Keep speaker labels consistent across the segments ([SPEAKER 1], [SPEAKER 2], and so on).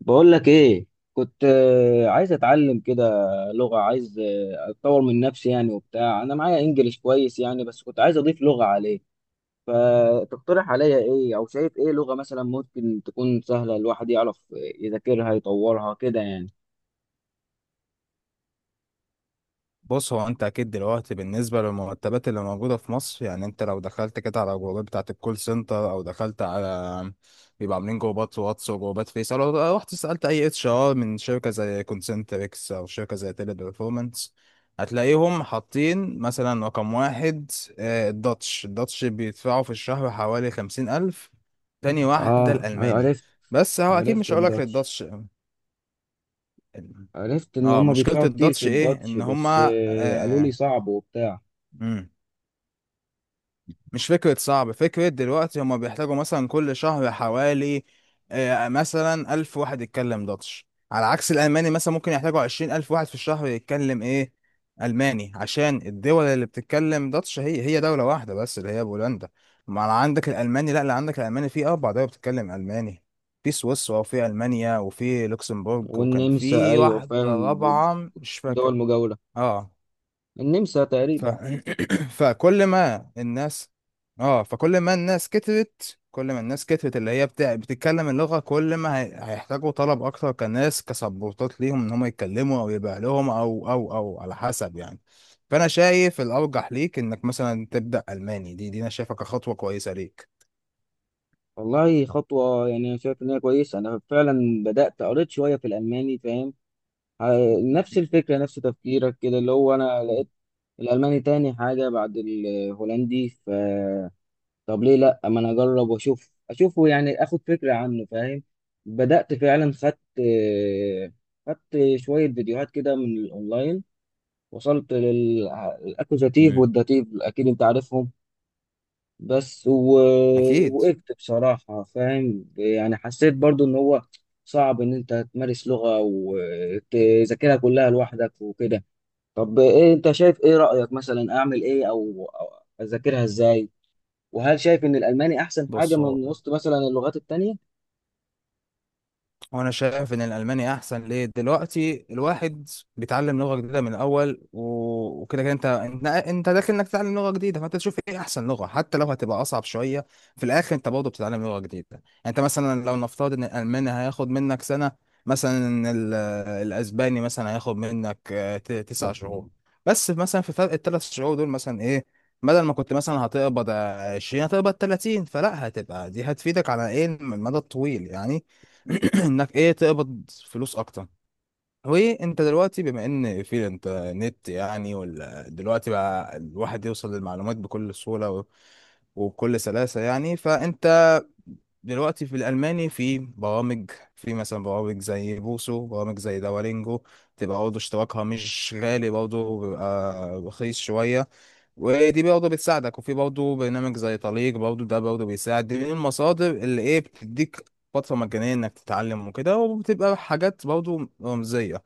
[SPEAKER 1] بقول لك ايه. كنت عايز اتعلم كده. لغة، عايز اتطور من نفسي يعني وبتاع. انا معايا انجليش كويس يعني، بس كنت عايز اضيف لغة عليه. فتقترح عليا ايه او شايف ايه لغة مثلا ممكن تكون سهلة الواحد يعرف يذاكرها يطورها كده يعني؟
[SPEAKER 2] بص، هو انت اكيد دلوقتي بالنسبه للمرتبات اللي موجوده في مصر، يعني انت لو دخلت كده على جروبات بتاعه الكول سنتر، او دخلت على بيبقى عاملين جروبات واتس وجروبات فيس، او لو رحت سالت اي اتش ار من شركه زي كونسنتريكس او شركه زي تيلي برفورمانس، هتلاقيهم حاطين مثلا رقم واحد، الداتش بيدفعوا في الشهر حوالي 50 الف. تاني واحده
[SPEAKER 1] اه
[SPEAKER 2] الالماني.
[SPEAKER 1] عرفت.
[SPEAKER 2] بس هو اكيد
[SPEAKER 1] عرفت
[SPEAKER 2] مش هقولك
[SPEAKER 1] الداتش.
[SPEAKER 2] للداتش.
[SPEAKER 1] عرفت ان
[SPEAKER 2] اه،
[SPEAKER 1] هما
[SPEAKER 2] مشكله
[SPEAKER 1] بيدفعوا كتير في
[SPEAKER 2] الداتش ايه،
[SPEAKER 1] الداتش،
[SPEAKER 2] ان
[SPEAKER 1] بس
[SPEAKER 2] هما
[SPEAKER 1] قالوا لي صعب وبتاع.
[SPEAKER 2] مم. مش فكرة صعب، فكرة دلوقتي هما بيحتاجوا مثلا كل شهر حوالي مثلا 1000 واحد يتكلم داتش، على عكس الألماني مثلا ممكن يحتاجوا 20 الف واحد في الشهر يتكلم إيه؟ ألماني. عشان الدول اللي بتتكلم داتش هي دولة واحدة بس، اللي هي بولندا. ما أنا عندك الألماني، لا، اللي عندك الألماني في 4 دول بتتكلم ألماني، في سويسرا وفي ألمانيا وفي لوكسمبورج، وكان
[SPEAKER 1] والنمسا،
[SPEAKER 2] في
[SPEAKER 1] ايوه
[SPEAKER 2] واحدة
[SPEAKER 1] فاهم.
[SPEAKER 2] رابعة مش فاكر.
[SPEAKER 1] والدول المجاورة،
[SPEAKER 2] اه.
[SPEAKER 1] النمسا
[SPEAKER 2] ف...
[SPEAKER 1] تقريبا.
[SPEAKER 2] فكل ما الناس اه فكل ما الناس كترت، كل ما الناس كترت اللي هي بتتكلم اللغة، كل ما هيحتاجوا طلب أكتر كناس، كسبورتات ليهم إن هم يتكلموا، أو يبقى لهم، أو على حسب يعني. فأنا شايف الأرجح ليك إنك مثلا تبدأ ألماني، دي أنا شايفها كخطوة كويسة ليك.
[SPEAKER 1] والله خطوة يعني، أنا شايف إن هي كويسة. أنا فعلا بدأت قريت شوية في الألماني، فاهم. نفس الفكرة نفس تفكيرك كده، اللي هو أنا لقيت الألماني تاني حاجة بعد الهولندي. طب ليه لأ، ما أنا أجرب وأشوف أشوفه يعني، آخد فكرة عنه، فاهم. بدأت فعلا، خدت شوية فيديوهات كده من الأونلاين. وصلت للأكوزاتيف
[SPEAKER 2] مم.
[SPEAKER 1] والداتيف، أكيد أنت عارفهم. بس
[SPEAKER 2] أكيد.
[SPEAKER 1] وقفت بصراحة، فاهم يعني. حسيت برضو إن هو صعب إن أنت تمارس لغة وتذاكرها كلها لوحدك وكده. طب إيه أنت شايف، إيه رأيك مثلا أعمل إيه أو أذاكرها إزاي؟ وهل شايف إن الألماني أحسن حاجة
[SPEAKER 2] بص، هو
[SPEAKER 1] من وسط مثلا اللغات التانية؟
[SPEAKER 2] وانا شايف ان الالماني احسن، ليه؟ دلوقتي الواحد بيتعلم لغه جديده من الاول، وكده كده انت داخل انك تتعلم لغه جديده، فانت تشوف ايه احسن لغه، حتى لو هتبقى اصعب شويه. في الاخر انت برضه بتتعلم لغه جديده. يعني انت مثلا لو نفترض ان الالماني هياخد منك سنه، مثلا ال- الاسباني مثلا هياخد منك 9 شهور. بس مثلا في فرق 3 شهور دول، مثلا ايه؟ بدل ما كنت مثلا هتقبض 20 هتقبض 30، فلا، هتبقى دي هتفيدك على ايه؟ المدى الطويل يعني. انك ايه؟ تقبض فلوس اكتر. وانت دلوقتي بما ان في الانترنت، يعني ولا دلوقتي بقى الواحد يوصل للمعلومات بكل سهولة، وبكل سلاسة يعني. فانت دلوقتي في الالماني في برامج، في مثلا برامج زي بوسو، برامج زي دولينجو، تبقى برضه اشتراكها مش غالي، برضه بيبقى رخيص شوية، ودي برضه بتساعدك. وفي برضه برنامج زي طليق، برضه ده برضه بيساعد. دي من المصادر اللي ايه؟ بتديك فترة مجانية انك تتعلم وكده، وبتبقى حاجات برضه رمزية.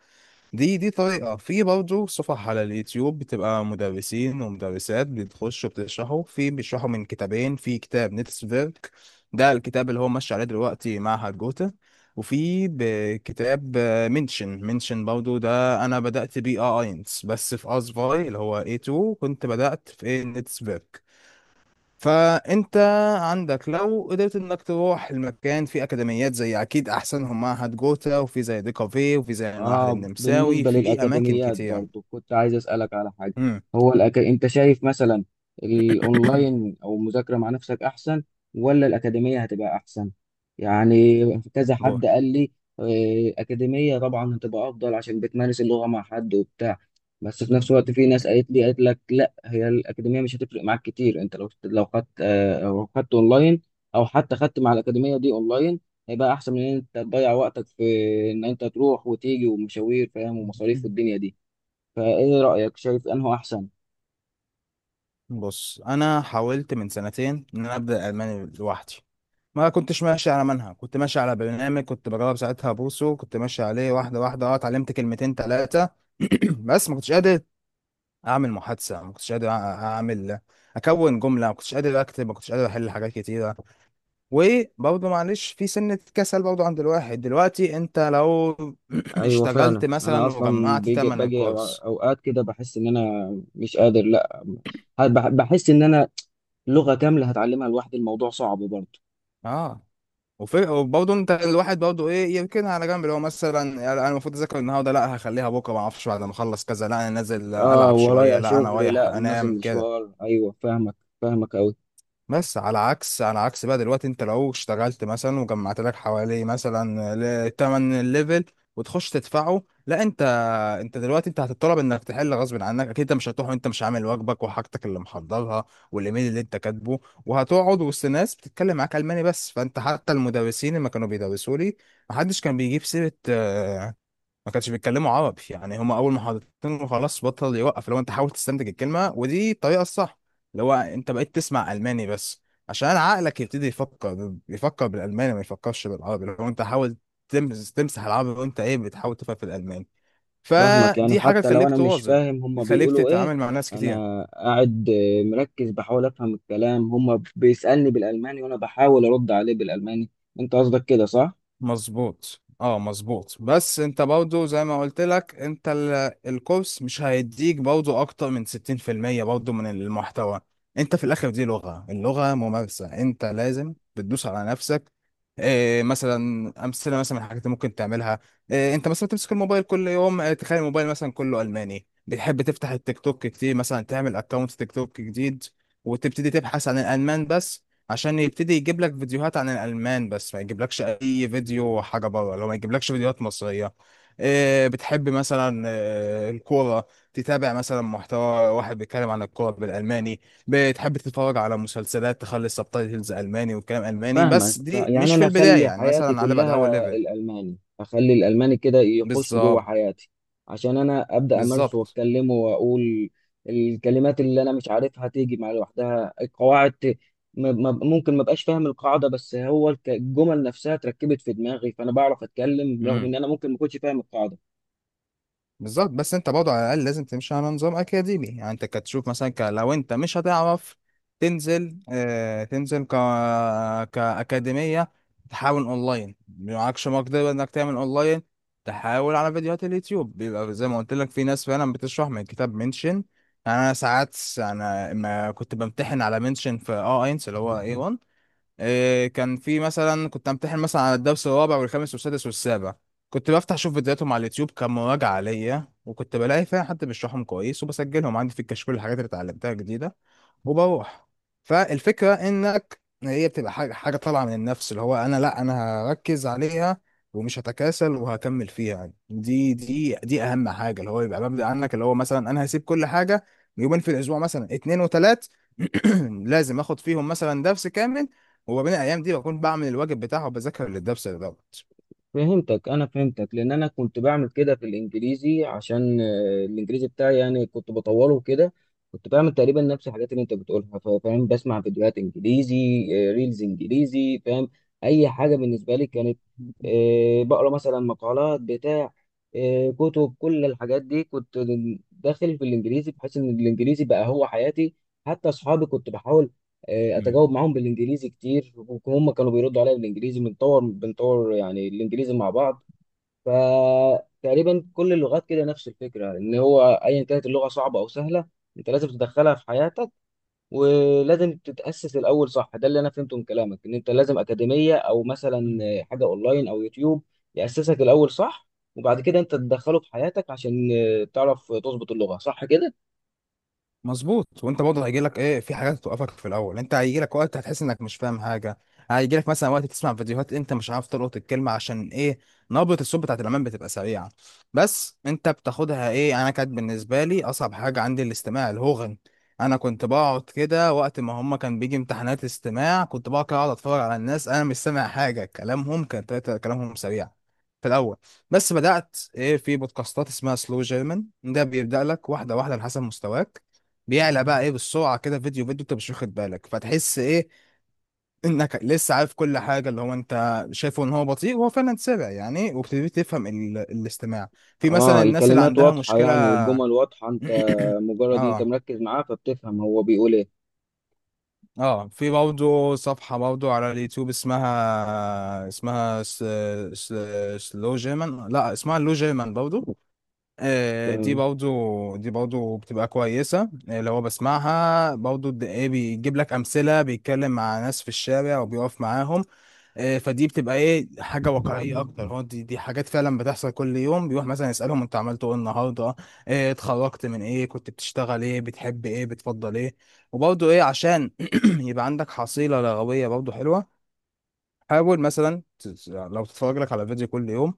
[SPEAKER 2] دي طريقة. في برضه صفح على اليوتيوب، بتبقى مدرسين ومدرسات بتخشوا بتشرحوا، بيشرحوا من كتابين، في كتاب نيتسفيرك، ده الكتاب اللي هو ماشي عليه دلوقتي معهد جوتا، وفي كتاب منشن برضه، ده انا بدأت بيه اه اينس. بس في اسفاي اللي هو A2 كنت بدأت في نيتسفيرك. فانت عندك لو قدرت انك تروح المكان، في اكاديميات زي اكيد احسنهم معهد جوتا، وفي زي دي كافيه، وفي زي المعهد
[SPEAKER 1] اه،
[SPEAKER 2] النمساوي،
[SPEAKER 1] بالنسبة
[SPEAKER 2] في اماكن
[SPEAKER 1] للأكاديميات
[SPEAKER 2] كتيره.
[SPEAKER 1] برضو كنت عايز أسألك على حاجة.
[SPEAKER 2] امم.
[SPEAKER 1] هو أنت شايف مثلا الأونلاين أو المذاكرة مع نفسك أحسن، ولا الأكاديمية هتبقى أحسن؟ يعني كذا
[SPEAKER 2] بور.
[SPEAKER 1] حد قال لي أكاديمية طبعا هتبقى أفضل عشان بتمارس اللغة مع حد وبتاع. بس في نفس الوقت في ناس قالت لي، قالت لك لا هي الأكاديمية مش هتفرق معاك كتير، أنت لو خدت لو خدت أونلاين أو حتى خدت مع الأكاديمية دي أونلاين، هيبقى احسن من ان انت تضيع وقتك في ان انت تروح وتيجي ومشاوير، فاهم، ومصاريف والدنيا دي. فايه رايك، شايف انه احسن؟
[SPEAKER 2] بص، انا حاولت من 2 سنين ان انا ابدا الماني لوحدي، ما كنتش ماشي على منهج، كنت ماشي على برنامج، كنت بجرب ساعتها بوسو، كنت ماشي عليه واحده واحده، اه اتعلمت كلمتين ثلاثه. بس ما كنتش قادر اعمل محادثه، ما كنتش قادر اعمل اكون جمله، ما كنتش قادر اكتب، ما كنتش قادر احل حاجات كتيره. وبرضه معلش، في سنه كسل برضه عند الواحد. دلوقتي انت لو
[SPEAKER 1] ايوه فعلا،
[SPEAKER 2] اشتغلت
[SPEAKER 1] انا
[SPEAKER 2] مثلا
[SPEAKER 1] اصلا
[SPEAKER 2] وجمعت
[SPEAKER 1] بيجي
[SPEAKER 2] ثمن
[SPEAKER 1] باجي أو-
[SPEAKER 2] الكورس،
[SPEAKER 1] اوقات كده بحس ان انا مش قادر، لا، بحس ان انا لغه كامله هتعلمها لوحدي، الموضوع صعب برضه.
[SPEAKER 2] اه وفرق. وبرضه انت الواحد برضه ايه؟ يركنها على جنب، اللي هو مثلا يعني انا المفروض اذاكر النهارده، لا، هخليها بكره، ما اعرفش بعد ما اخلص كذا، لا انا نازل
[SPEAKER 1] اه
[SPEAKER 2] العب شويه،
[SPEAKER 1] ورايا
[SPEAKER 2] لا انا
[SPEAKER 1] شغل،
[SPEAKER 2] رايح
[SPEAKER 1] لا
[SPEAKER 2] انام
[SPEAKER 1] نازل
[SPEAKER 2] كده.
[SPEAKER 1] مشوار، ايوه فاهمك، فاهمك قوي.
[SPEAKER 2] بس على عكس بقى دلوقتي، انت لو اشتغلت مثلا وجمعت لك حوالي مثلا تمن ليفل، وتخش تدفعه، لا، انت دلوقتي انت هتطلب انك تحل غصب عنك، اكيد انت مش هتروح وانت مش عامل واجبك وحاجتك اللي محضرها والايميل اللي انت كاتبه، وهتقعد وسط ناس بتتكلم معاك الماني بس. فانت حتى المدرسين لما كانوا بيدرسوا لي، محدش كان بيجيب سيره، ما كانش بيتكلموا عربي يعني. هما اول ما حضرتين خلاص، بطل يوقف، لو انت حاول تستنتج الكلمه، ودي الطريقه الصح، اللي هو انت بقيت تسمع الماني بس، عشان عقلك يبتدي يفكر بالالماني ما يفكرش بالعربي. لو انت حاول تمسح العربي، وانت ايه؟ بتحاول تفهم في الالماني،
[SPEAKER 1] فاهمك يعني
[SPEAKER 2] فدي حاجه
[SPEAKER 1] حتى لو
[SPEAKER 2] تخليك
[SPEAKER 1] انا مش
[SPEAKER 2] تواظب،
[SPEAKER 1] فاهم هما
[SPEAKER 2] بتخليك
[SPEAKER 1] بيقولوا ايه،
[SPEAKER 2] تتعامل مع ناس كتير.
[SPEAKER 1] انا قاعد مركز بحاول افهم الكلام. هما بيسألني بالالماني وانا بحاول ارد عليه بالالماني، انت قصدك كده صح؟
[SPEAKER 2] مظبوط. اه مظبوط. بس انت برضو زي ما قلت لك، انت الكورس مش هيديك برضو اكتر من 60% برضو من المحتوى. انت في الاخر دي لغة، اللغة ممارسة، انت لازم بتدوس على نفسك. إيه مثلا امثله مثلا من الحاجات اللي ممكن تعملها؟ إيه، انت مثلا تمسك الموبايل كل يوم، إيه؟ تخيل الموبايل مثلا كله الماني. بتحب تفتح التيك توك كتير؟ مثلا تعمل اكونت تيك توك جديد، وتبتدي تبحث عن الالمان بس، عشان يبتدي يجيب لك فيديوهات عن الألمان بس، ما يجيبلكش أي فيديو حاجة بره، لو ما يجيبلكش فيديوهات مصرية. إيه بتحب مثلا؟ إيه الكورة؟ تتابع مثلا محتوى واحد بيتكلم عن الكورة بالألماني. بتحب تتفرج على مسلسلات؟ تخلي السبتايتلز ألماني والكلام ألماني
[SPEAKER 1] فاهمك.
[SPEAKER 2] بس، دي
[SPEAKER 1] يعني
[SPEAKER 2] مش في
[SPEAKER 1] انا
[SPEAKER 2] البداية
[SPEAKER 1] اخلي
[SPEAKER 2] يعني،
[SPEAKER 1] حياتي
[SPEAKER 2] مثلا على بعد
[SPEAKER 1] كلها
[SPEAKER 2] أول ليفل.
[SPEAKER 1] الالماني، اخلي الالماني كده يخش جوه
[SPEAKER 2] بالظبط.
[SPEAKER 1] حياتي عشان انا ابدا امارسه
[SPEAKER 2] بالظبط.
[SPEAKER 1] واتكلمه واقول الكلمات اللي انا مش عارفها تيجي مع لوحدها، القواعد م... ممكن ما بقاش فاهم القاعده، بس هو الجمل نفسها اتركبت في دماغي فانا بعرف اتكلم رغم
[SPEAKER 2] مم.
[SPEAKER 1] ان انا ممكن ما كنتش فاهم القاعده.
[SPEAKER 2] بالظبط. بس انت برضه على الاقل لازم تمشي على نظام اكاديمي. يعني انت كتشوف مثلا لو انت مش هتعرف تنزل، اه تنزل كاكاديميه، تحاول اونلاين. معكش مقدره انك تعمل اونلاين، تحاول على فيديوهات اليوتيوب. بيبقى زي ما قلت لك، في ناس فعلا بتشرح من كتاب منشن. يعني انا ساعات انا ما كنت بمتحن على منشن في اه اينس اللي هو A1، إيه، كان في مثلا كنت امتحن مثلا على الدرس الرابع والخامس والسادس والسابع، كنت بفتح اشوف فيديوهاتهم على اليوتيوب كمراجعه ليا، وكنت بلاقي فيها حد بيشرحهم كويس، وبسجلهم عندي في الكشكول الحاجات اللي اتعلمتها جديده وبروح. فالفكرة انك هي بتبقى حاجة، حاجة طالعة من النفس، اللي هو انا لا، انا هركز عليها ومش هتكاسل وهكمل فيها يعني. دي اهم حاجة، اللي هو يبقى مبدأ عنك، اللي هو مثلا انا هسيب كل حاجة، يومين في الاسبوع مثلا، اتنين وتلات، لازم اخد فيهم مثلا درس كامل، وما بين الايام دي بكون بعمل الواجب بتاعه وبذاكر للدرس دوت.
[SPEAKER 1] فهمتك، انا فهمتك، لان انا كنت بعمل كده في الانجليزي عشان الانجليزي بتاعي يعني كنت بطوله كده. كنت بعمل تقريبا نفس الحاجات اللي انت بتقولها، فاهم. بسمع فيديوهات انجليزي، ريلز انجليزي، فاهم. اي حاجه بالنسبه لي كانت، بقرا مثلا مقالات بتاع، كتب. كل الحاجات دي كنت داخل في الانجليزي بحيث ان الانجليزي بقى هو حياتي. حتى اصحابي كنت بحاول اتجاوب معاهم بالانجليزي كتير وهم كانوا بيردوا عليا بالانجليزي، بنطور بنطور يعني الانجليزي مع بعض. فتقريبا كل اللغات كده نفس الفكره، ان هو ايا كانت اللغه صعبه او سهله انت لازم تدخلها في حياتك، ولازم تتاسس الاول صح. ده اللي انا فهمته من كلامك، ان انت لازم اكاديميه او مثلا حاجه اونلاين او يوتيوب ياسسك الاول صح، وبعد كده انت تدخله في حياتك عشان تعرف تظبط اللغه صح كده.
[SPEAKER 2] مظبوط. وانت برضه هيجي لك ايه، في حاجات توقفك في الاول. انت هيجي لك وقت هتحس انك مش فاهم حاجه، هيجي لك مثلا وقت تسمع فيديوهات انت مش عارف تلقط الكلمه، عشان ايه؟ نبره الصوت بتاعت الامام بتبقى سريعه. بس انت بتاخدها ايه؟ يعني انا كانت بالنسبه لي اصعب حاجه عندي الاستماع الهوغن. انا كنت بقعد كده، وقت ما هما كان بيجي امتحانات استماع، كنت بقعد كده اقعد اتفرج على الناس، انا مش سامع حاجه، كلامهم كان كلامهم سريع في الاول. بس بدات ايه؟ في بودكاستات اسمها سلو جيرمان، ده بيبدا لك واحده واحده على حسب مستواك، بيعلى بقى ايه؟ بالسرعه كده، فيديو فيديو انت مش واخد بالك، فتحس ايه؟ انك لسه عارف كل حاجه، اللي هو انت شايفه ان هو بطيء وهو فعلا سرع يعني، وبتبتدي تفهم الاستماع. في مثلا
[SPEAKER 1] اه
[SPEAKER 2] الناس اللي
[SPEAKER 1] الكلمات
[SPEAKER 2] عندها
[SPEAKER 1] واضحة
[SPEAKER 2] مشكله.
[SPEAKER 1] يعني، والجمل واضحة. انت مجرد ان انت
[SPEAKER 2] اه.
[SPEAKER 1] مركز معاه فبتفهم هو بيقول ايه.
[SPEAKER 2] اه، في برضه صفحه برضه على اليوتيوب، اسمها س... سلو جيرمان، لا اسمها لو جيرمان برضه. دي
[SPEAKER 1] تمام.
[SPEAKER 2] برضو دي برضو بتبقى كويسة. لو هو بسمعها برضو، ايه؟ بيجيب لك أمثلة، بيتكلم مع ناس في الشارع وبيقف معاهم. فدي بتبقى ايه؟ حاجة واقعية أكتر، هو دي حاجات فعلا بتحصل كل يوم، بيروح مثلا يسألهم أنت عملت ايه النهاردة، اتخرجت من ايه، كنت بتشتغل ايه، بتحب ايه، بتفضل ايه. وبرضو ايه؟ عشان يبقى عندك حصيلة لغوية برضو حلوة. حاول مثلا لو تتفرج لك على فيديو كل يوم،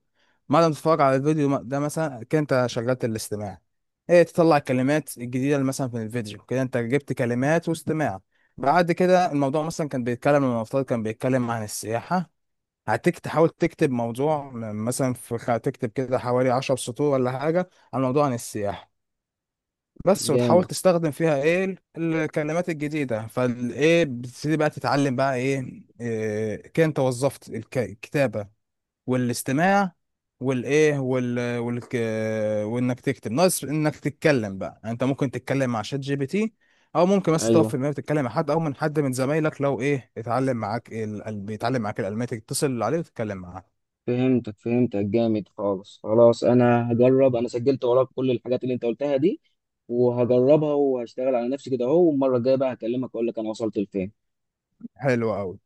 [SPEAKER 2] بعد ما تتفرج على الفيديو ده مثلا كده انت شغلت الاستماع، ايه؟ تطلع الكلمات الجديدة اللي مثلا في الفيديو، كده انت جبت كلمات واستماع. بعد كده الموضوع مثلا كان بيتكلم، المفترض كان بيتكلم عن السياحة، تحاول تكتب موضوع مثلا في تكتب كده حوالي 10 سطور ولا حاجة عن موضوع عن السياحة بس، وتحاول
[SPEAKER 1] جامد.
[SPEAKER 2] تستخدم فيها ايه الكلمات الجديدة، فالايه؟ بتبتدي بقى تتعلم بقى ايه, إيه؟ كده انت وظفت الكتابة والاستماع والايه، وال والك وانك تكتب، ناقص انك تتكلم بقى. يعني انت ممكن تتكلم مع شات جي بي تي، او ممكن بس تقف في
[SPEAKER 1] ايوه
[SPEAKER 2] المكتب تتكلم مع حد، او من حد من زمايلك لو ايه اتعلم معاك بيتعلم معاك الالماني، تتصل عليه وتتكلم معاه.
[SPEAKER 1] فهمتك، فهمتك جامد خالص. خلاص انا هجرب، انا سجلت وراك كل الحاجات اللي انت قلتها دي وهجربها وهشتغل على نفسي كده اهو. والمرة الجاية بقى هكلمك اقول لك انا وصلت لفين.
[SPEAKER 2] حلو قوي.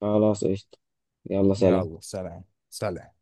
[SPEAKER 1] خلاص قشطة، يلا سلام.
[SPEAKER 2] يلا سلام. سلام.